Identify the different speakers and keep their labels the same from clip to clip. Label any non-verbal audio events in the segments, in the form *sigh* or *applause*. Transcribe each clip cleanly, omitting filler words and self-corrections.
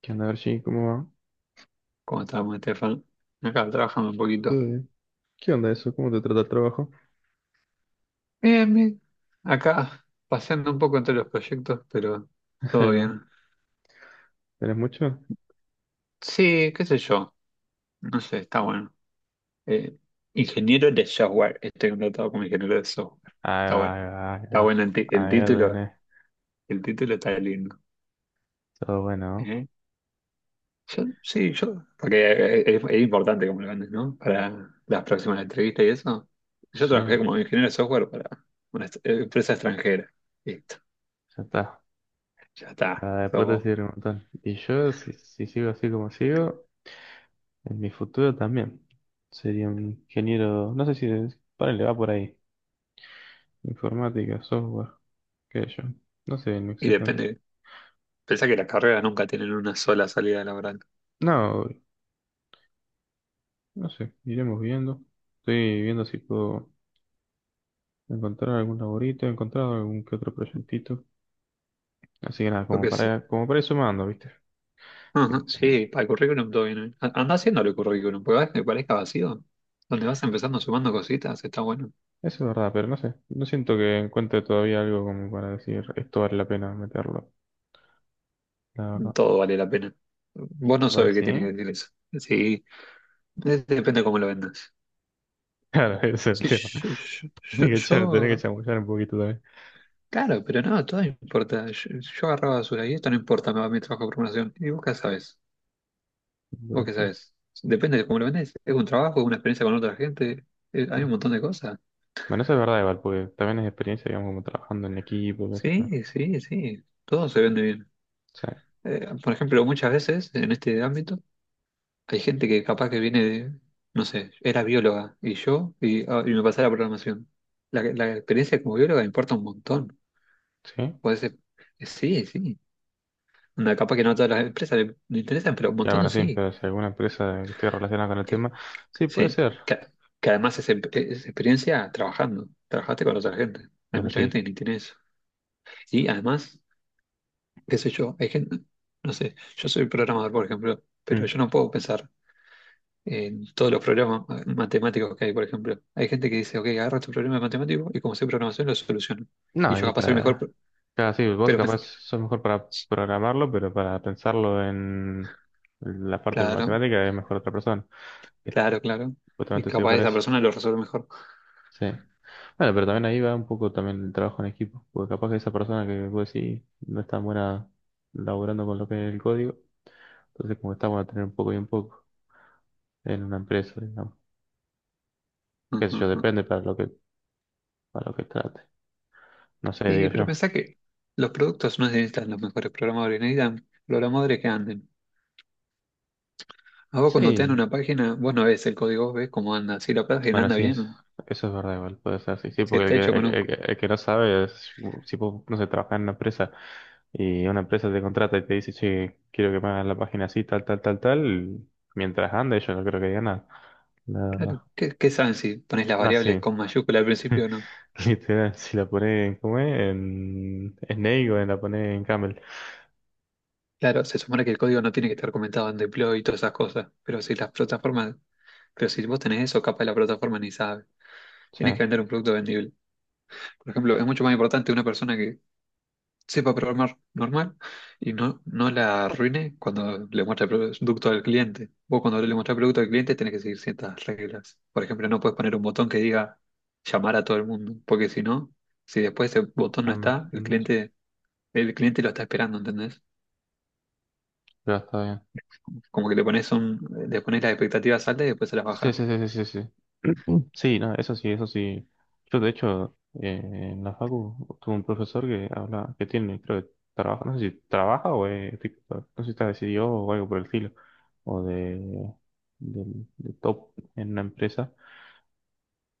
Speaker 1: ¿Qué onda, Archie? ¿Cómo va?
Speaker 2: ¿Cómo estamos, Estefan? Acá trabajando un
Speaker 1: ¿Todo
Speaker 2: poquito.
Speaker 1: bien? ¿Qué onda eso? ¿Cómo te trata el trabajo?
Speaker 2: Bien, bien. Acá paseando un poco entre los proyectos, pero
Speaker 1: *laughs* Ahí
Speaker 2: todo
Speaker 1: va.
Speaker 2: bien.
Speaker 1: ¿Tenés mucho?
Speaker 2: Sí, qué sé yo. No sé, está bueno. Eh, ingeniero de software. Estoy contratado como ingeniero de software.
Speaker 1: Ahí
Speaker 2: Está
Speaker 1: va,
Speaker 2: bueno.
Speaker 1: ahí va, ahí
Speaker 2: Está bueno
Speaker 1: va.
Speaker 2: el
Speaker 1: Ahí lo
Speaker 2: título.
Speaker 1: tenés.
Speaker 2: El título está lindo.
Speaker 1: Todo bueno, ¿no?
Speaker 2: ¿Eh? Sí, yo. Porque es importante como lo vendes, ¿no? Para las próximas entrevistas y eso. Yo
Speaker 1: Sí,
Speaker 2: trabajé como ingeniero de software para una empresa extranjera. Listo.
Speaker 1: ya está.
Speaker 2: Ya está.
Speaker 1: Para
Speaker 2: Sos
Speaker 1: después
Speaker 2: vos.
Speaker 1: decir un montón. Y yo, si sigo así como sigo, en mi futuro también. Sería un ingeniero, no sé si, ponele, va por ahí. Informática, software, qué sé yo. No sé, no
Speaker 2: Y
Speaker 1: exactamente.
Speaker 2: depende, pensá que las carreras nunca tienen una sola salida laboral.
Speaker 1: No, no sé, iremos viendo. Estoy viendo si puedo. Encontrar algún laborito, he encontrado algún que otro proyectito. Así que nada,
Speaker 2: Lo que sí.
Speaker 1: como para ir sumando, ¿viste? Eso
Speaker 2: Ajá, sí, para el currículum todo bien. Anda Andá haciéndolo el currículum, porque vas que parezca vacío. Donde vas empezando sumando cositas, está bueno.
Speaker 1: es verdad, pero no sé. No siento que encuentre todavía algo como para decir esto vale la pena meterlo. La verdad.
Speaker 2: Todo vale la pena. Vos no
Speaker 1: ¿Va a
Speaker 2: sabés qué tiene que
Speaker 1: decir?
Speaker 2: decir eso. Sí, depende cómo lo vendas.
Speaker 1: Claro, *laughs* ese es el
Speaker 2: Sí,
Speaker 1: tema.
Speaker 2: yo, yo-
Speaker 1: Tenés
Speaker 2: yo-
Speaker 1: que echar, tenés que
Speaker 2: yo-
Speaker 1: chamullar un poquito también.
Speaker 2: claro, pero no, todo importa. Yo agarraba basura y esto no importa, me va mi trabajo de formación. ¿Y vos qué sabés?
Speaker 1: Por
Speaker 2: ¿Vos qué
Speaker 1: eso.
Speaker 2: sabés? Depende de cómo lo vendés. Es un trabajo, es una experiencia con otra gente. Hay un montón de cosas.
Speaker 1: Bueno, eso es verdad igual, porque también es experiencia, digamos, como trabajando en equipo, qué sé yo.
Speaker 2: Sí, sí, sí, todo se vende bien.
Speaker 1: Sí.
Speaker 2: Por ejemplo, muchas veces en este ámbito hay gente que capaz que viene de, no sé, era bióloga y yo, y, ah, y me pasé a la programación. La experiencia como bióloga importa un montón.
Speaker 1: ¿Sí?
Speaker 2: Puede ser, sí, sí. Una capaz que no a todas las empresas le interesan, pero un
Speaker 1: Claro,
Speaker 2: montón
Speaker 1: bueno, sí,
Speaker 2: sí.
Speaker 1: pero si alguna empresa que esté relacionada con el tema,
Speaker 2: Que,
Speaker 1: sí, puede
Speaker 2: sí.
Speaker 1: ser.
Speaker 2: Que, que además es experiencia trabajando, trabajaste con otra gente. Hay
Speaker 1: Bueno,
Speaker 2: mucha gente
Speaker 1: sí.
Speaker 2: que ni tiene eso. Y además, qué sé yo, hay gente, no sé, yo soy programador, por ejemplo, pero
Speaker 1: Mm.
Speaker 2: yo no puedo pensar en todos los problemas matemáticos que hay, por ejemplo. Hay gente que dice, ok, agarra tu problema matemático y como sé programación lo soluciono. Y
Speaker 1: No,
Speaker 2: yo
Speaker 1: y
Speaker 2: capaz soy mejor,
Speaker 1: para...
Speaker 2: pero
Speaker 1: Claro, sí, vos
Speaker 2: pero
Speaker 1: capaz
Speaker 2: pensé,
Speaker 1: sos mejor para
Speaker 2: *laughs*
Speaker 1: programarlo, pero para pensarlo en la parte
Speaker 2: claro,
Speaker 1: matemática es mejor otra persona. Que
Speaker 2: claro, claro. Y
Speaker 1: justamente sirve
Speaker 2: capaz
Speaker 1: para
Speaker 2: esa
Speaker 1: eso.
Speaker 2: persona lo resuelve mejor.
Speaker 1: Sí. Bueno, pero también ahí va un poco también el trabajo en equipo, porque capaz que esa persona que vos decís no es tan buena laburando con lo que es el código, entonces como que está bueno tener un poco y un poco en una empresa, digamos. Qué
Speaker 2: Ujú,
Speaker 1: sé yo,
Speaker 2: ujú.
Speaker 1: depende para lo que trate. No sé,
Speaker 2: Y
Speaker 1: digo
Speaker 2: pero
Speaker 1: yo.
Speaker 2: pensá que los productos no necesitan los mejores programadores, necesitan programadores que anden. A vos cuando te dan
Speaker 1: Sí,
Speaker 2: una página, vos no ves el código, vos ves cómo anda. Si la página
Speaker 1: bueno,
Speaker 2: anda
Speaker 1: sí,
Speaker 2: bien,
Speaker 1: eso es verdad, igual puede ser así. Sí,
Speaker 2: si
Speaker 1: porque el
Speaker 2: está
Speaker 1: que,
Speaker 2: hecho
Speaker 1: el,
Speaker 2: con
Speaker 1: que
Speaker 2: un.
Speaker 1: el que- el que no sabe es, si no sé, trabajar en una empresa y una empresa te contrata y te dice, che, quiero que me hagas la página así, tal, tal, tal, tal, mientras ande, yo no creo que diga nada, la
Speaker 2: Claro,
Speaker 1: verdad.
Speaker 2: ¿qué, qué saben si pones las
Speaker 1: No, sí,
Speaker 2: variables con mayúscula al principio o no?
Speaker 1: *laughs* literal, si la pones en, ¿cómo es? En Snake o la pones en Camel.
Speaker 2: Claro, se supone que el código no tiene que estar comentado en deploy y todas esas cosas, pero si las plataformas, pero si vos tenés eso, capaz la plataforma ni sabe.
Speaker 1: Sí,
Speaker 2: Tienes que vender un producto vendible. Por ejemplo, es mucho más importante una persona que sepa programar normal y no, no la arruine cuando le muestra el producto al cliente. Vos cuando le muestras el producto al cliente tenés que seguir ciertas reglas. Por ejemplo, no puedes poner un botón que diga llamar a todo el mundo, porque si no, si después ese botón no
Speaker 1: ya me
Speaker 2: está,
Speaker 1: quedé
Speaker 2: el
Speaker 1: un bicho.
Speaker 2: cliente. El cliente lo está esperando, ¿entendés?
Speaker 1: Pero está bien.
Speaker 2: Como que le pones un, le pones las expectativas altas y después se las
Speaker 1: Sí,
Speaker 2: baja.
Speaker 1: sí, sí, sí, sí. Sí, *clears throat* Sí, no, eso sí, eso sí. Yo, de hecho, eh, en la facu tuve un profesor que habla, que tiene, creo que trabaja, no sé si trabaja o es, tipo, no sé si está decidido o algo por el estilo, o de, de, de top en una empresa.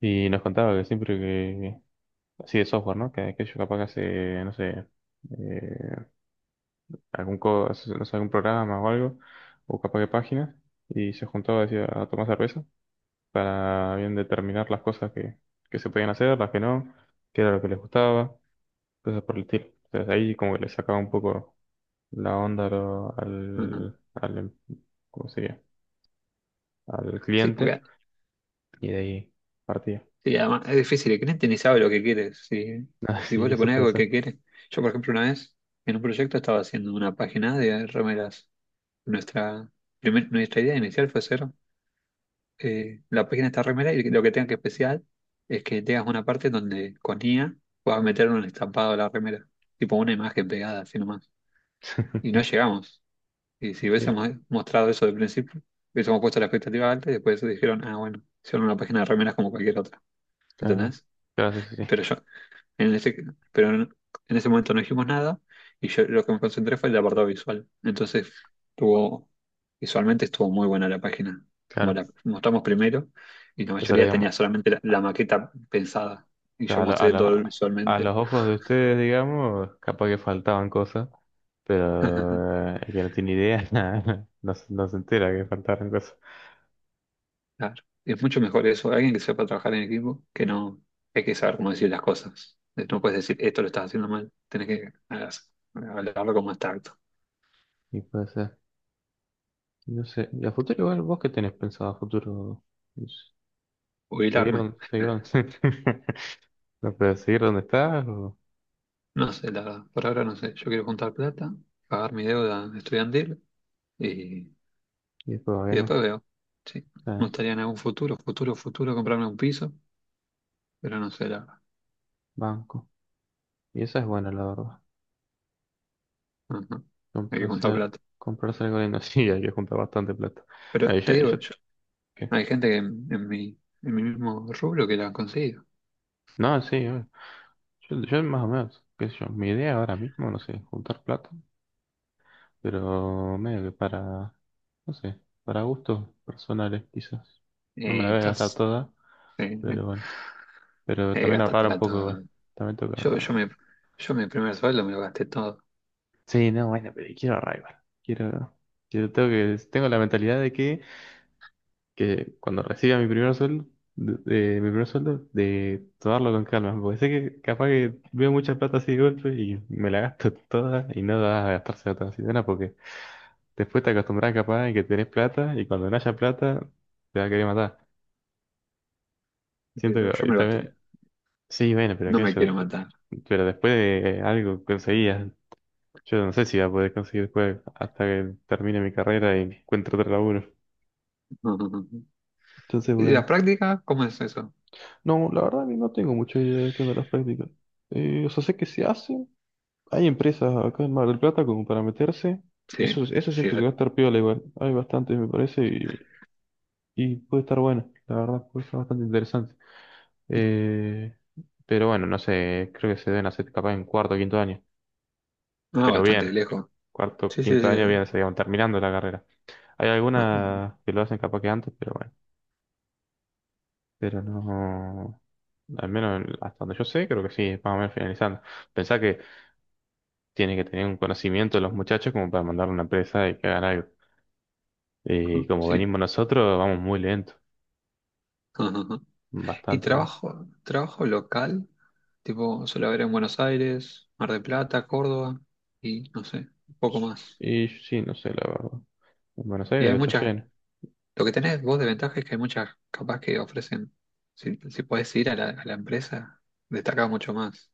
Speaker 1: Y nos contaba que siempre que, así de software, ¿no? Que capaz que hace, no sé, eh, algún, no sé, algún programa o algo, o capaz que páginas, y se juntaba, decía, a tomar cerveza para bien determinar las cosas que se podían hacer, las que no, qué era lo que les gustaba, cosas por el estilo. Entonces ahí como que le sacaba un poco la onda a lo-
Speaker 2: Ujú.
Speaker 1: al, al, em- ¿cómo sería? Al
Speaker 2: Sí,
Speaker 1: cliente
Speaker 2: porque
Speaker 1: y de ahí partía. *laughs*
Speaker 2: sí, además es difícil, el cliente ni sabe lo que quiere. Si,
Speaker 1: Ah,
Speaker 2: si vos
Speaker 1: sí,
Speaker 2: le
Speaker 1: eso
Speaker 2: pones
Speaker 1: puede
Speaker 2: algo
Speaker 1: ser.
Speaker 2: que quiere. Yo, por ejemplo, una vez en un proyecto estaba haciendo una página de remeras. Nuestra, Nuestra idea inicial fue hacer la página de esta remera y lo que tenga que especial es que tengas una parte donde con IA puedas meter un estampado a la remera, tipo una imagen pegada, así nomás. Y no
Speaker 1: *laughs*
Speaker 2: llegamos. Y si
Speaker 1: Que,
Speaker 2: hubiésemos mostrado eso de principio, hubiésemos puesto la expectativa alta y después dijeron, ah, bueno, hicieron una página de remeras como cualquier otra,
Speaker 1: claro,
Speaker 2: ¿entendés?
Speaker 1: claro, sí, sí, sí,
Speaker 2: Pero yo, en ese, pero en, en ese momento no dijimos nada y yo lo que me concentré fue el apartado visual. Entonces, tuvo, visualmente estuvo muy buena la página, como
Speaker 1: claro.
Speaker 2: la mostramos primero y la
Speaker 1: O sea,
Speaker 2: mayoría
Speaker 1: digamos,
Speaker 2: tenía solamente la
Speaker 1: a,
Speaker 2: maqueta pensada y yo
Speaker 1: a lo- a
Speaker 2: mostré
Speaker 1: lo-
Speaker 2: todo
Speaker 1: a
Speaker 2: visualmente.
Speaker 1: los ojos de ustedes, digamos, capaz que faltaban cosas,
Speaker 2: *laughs*
Speaker 1: pero el que no tiene idea *laughs* no, se no se entera que faltaron.
Speaker 2: Claro. Es mucho mejor eso, alguien que sepa trabajar en equipo, que no, hay que saber cómo decir las cosas. No puedes decir, esto lo estás haciendo mal, tenés que hablarlo con más tacto.
Speaker 1: Y puede ser. No sé. ¿Y a futuro igual vos qué tenés pensado a futuro? No sé.
Speaker 2: Jubilarme. *laughs*
Speaker 1: Seguir donde, *laughs* no, pero seguir donde estás o
Speaker 2: No sé, la verdad, por ahora no sé. Yo quiero juntar plata, pagar mi deuda estudiantil y,
Speaker 1: y después
Speaker 2: y
Speaker 1: bueno,
Speaker 2: después veo. Sí, me
Speaker 1: está,
Speaker 2: gustaría en algún futuro, futuro, futuro comprarme un piso, pero no sé, la verdad.
Speaker 1: banco. Y esa es buena la verdad.
Speaker 2: No, no. Hay que juntar
Speaker 1: Comprarse,
Speaker 2: plata.
Speaker 1: comprarse algo lindo. *laughs* Sí, hay que juntar bastante plata.
Speaker 2: Pero
Speaker 1: No,
Speaker 2: te digo,
Speaker 1: ¿qué?
Speaker 2: hay gente que en mi mismo rubro que la han conseguido.
Speaker 1: No, sí, yo más o menos, qué sé yo, mi idea ahora mismo, no sé, juntar plata, pero medio que para, no sé, para gustos personales quizás. No me la voy a gastar
Speaker 2: Estás.
Speaker 1: toda,
Speaker 2: eh,
Speaker 1: pero bueno. Pero también ahorrar un
Speaker 2: Gastatela
Speaker 1: poco
Speaker 2: toda.
Speaker 1: igual. También tengo que
Speaker 2: Yo,
Speaker 1: ahorrar.
Speaker 2: yo me, yo mi primer sueldo me lo gasté todo.
Speaker 1: Sí, no, bueno, pero quiero ahorrar igual. Quiero, tengo que, tengo la mentalidad de que cuando reciba mi primer sueldo, mi primer sueldo, de tomarlo con calma. Porque sé que capaz que veo mucha plata así de golpe y me la gasto *laughs* toda y no da a gastarse toda así de una porque después te acostumbras capaz y que tenés plata y cuando no haya plata te va a querer matar. Siento
Speaker 2: Yo
Speaker 1: que y
Speaker 2: me lo gasté.
Speaker 1: también, sí, bueno, pero
Speaker 2: No me
Speaker 1: aquello,
Speaker 2: quiero matar.
Speaker 1: pero después de algo conseguías. Yo no sé si voy a poder conseguir juego hasta que termine mi carrera y encuentre otro laburo.
Speaker 2: No, no, no.
Speaker 1: Entonces,
Speaker 2: ¿Y
Speaker 1: bueno.
Speaker 2: la práctica? ¿Cómo es eso?
Speaker 1: No, la verdad que no tengo mucha idea de qué onda las prácticas. O sea, sé que se hacen. Hay empresas acá en Mar del Plata como para meterse.
Speaker 2: Sí,
Speaker 1: Eso
Speaker 2: sí.
Speaker 1: siento que va a estar piola igual. Hay bastantes, me parece, y puede estar bueno. La verdad, puede estar bastante interesante.
Speaker 2: Sí.
Speaker 1: Eh, pero bueno, no sé, creo que se deben hacer capaz en cuarto o quinto año.
Speaker 2: Ah,
Speaker 1: Pero
Speaker 2: bastante
Speaker 1: bien.
Speaker 2: lejos.
Speaker 1: Cuarto,
Speaker 2: Sí, sí,
Speaker 1: quinto año
Speaker 2: sí.
Speaker 1: bien, se digamos, terminando la carrera. Hay
Speaker 2: Ujú,
Speaker 1: algunas que lo hacen capaz que antes, pero bueno. Pero no. Al menos hasta donde yo sé, creo que sí, es más o menos finalizando. Pensá que tiene que tener un conocimiento de los muchachos como para mandar a una empresa y que hagan algo. Y
Speaker 2: ujú,
Speaker 1: como
Speaker 2: sí.
Speaker 1: venimos nosotros, vamos muy lento,
Speaker 2: Ujú, ujú. ¿Y
Speaker 1: bastante lento.
Speaker 2: trabajo, trabajo local? Tipo, suele haber en Buenos Aires, Mar del Plata, Córdoba y no sé, poco más.
Speaker 1: Y sí, no sé, la verdad. En Buenos Aires
Speaker 2: Y hay
Speaker 1: debe estar
Speaker 2: muchas,
Speaker 1: lleno.
Speaker 2: lo que tenés vos de ventaja es que hay muchas capaz que ofrecen, si, si podés ir a a la empresa, destaca mucho más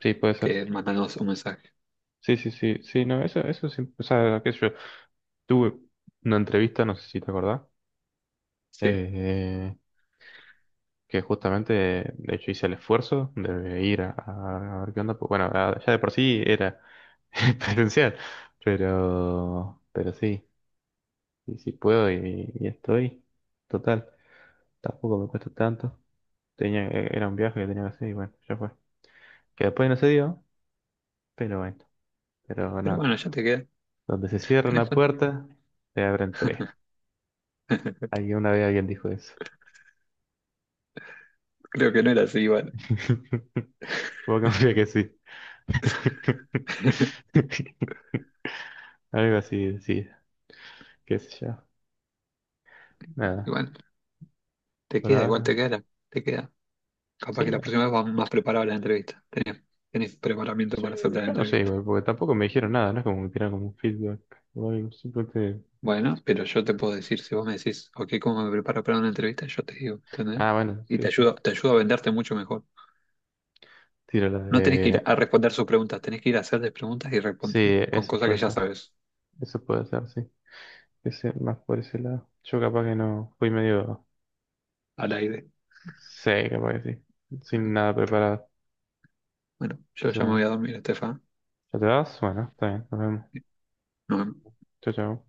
Speaker 1: Sí, puede ser.
Speaker 2: que mandarnos un mensaje.
Speaker 1: Sí, no, eso, eso sí. O sea, qué sé yo. Tuve una entrevista, no sé si te acordás.
Speaker 2: Sí,
Speaker 1: Eh, que justamente, de hecho, hice el esfuerzo de ir a, a ver qué onda. Pues bueno, ya de por sí era *laughs* presencial, pero sí, y si puedo y estoy, total, tampoco me cuesta tanto. Era un viaje que tenía que hacer y bueno, ya fue. Que después no se dio, pero bueno, pero
Speaker 2: pero
Speaker 1: nada.
Speaker 2: bueno, ya te queda.
Speaker 1: Donde se cierra una puerta, se abren tres.
Speaker 2: *laughs*
Speaker 1: Alguien una vez alguien dijo eso.
Speaker 2: Creo que no era así igual.
Speaker 1: *laughs* Vos confía que sí.
Speaker 2: *laughs*
Speaker 1: *laughs* Algo así, sí, qué sé yo. Nada,
Speaker 2: Igual,
Speaker 1: por
Speaker 2: igual te
Speaker 1: ahora.
Speaker 2: queda, te queda. Capaz que
Speaker 1: Sí,
Speaker 2: la
Speaker 1: nada.
Speaker 2: próxima vez vas más preparado a la entrevista. Tenés, tenés preparamiento
Speaker 1: Sí,
Speaker 2: para hacer la
Speaker 1: yo no sé
Speaker 2: entrevista.
Speaker 1: igual, porque tampoco me dijeron nada, no es como que tiraron como un feedback o algo, simplemente...
Speaker 2: Bueno, pero yo te puedo decir, si vos me decís, ok, ¿cómo me preparo para una entrevista? Yo te digo, ¿entendés?
Speaker 1: Ah, bueno,
Speaker 2: Y
Speaker 1: qué sé yo.
Speaker 2: te ayudo a venderte mucho mejor.
Speaker 1: Tiro la
Speaker 2: No tenés que ir
Speaker 1: de...
Speaker 2: a responder sus preguntas, tenés que ir a hacerles preguntas y
Speaker 1: Sí,
Speaker 2: responder con
Speaker 1: eso
Speaker 2: cosas que
Speaker 1: puede
Speaker 2: ya
Speaker 1: ser,
Speaker 2: sabes
Speaker 1: eso puede ser, sí. Ese, más por ese lado. Yo capaz que no, fui medio...
Speaker 2: al aire.
Speaker 1: Sí, capaz que sí. Sin
Speaker 2: Ajá.
Speaker 1: nada preparado.
Speaker 2: Bueno,
Speaker 1: O
Speaker 2: yo ya me
Speaker 1: sea,
Speaker 2: voy a dormir, Estefa.
Speaker 1: ¿ya te vas? Bueno, está bien, nos vemos.
Speaker 2: Nos vemos.
Speaker 1: Chao, chao.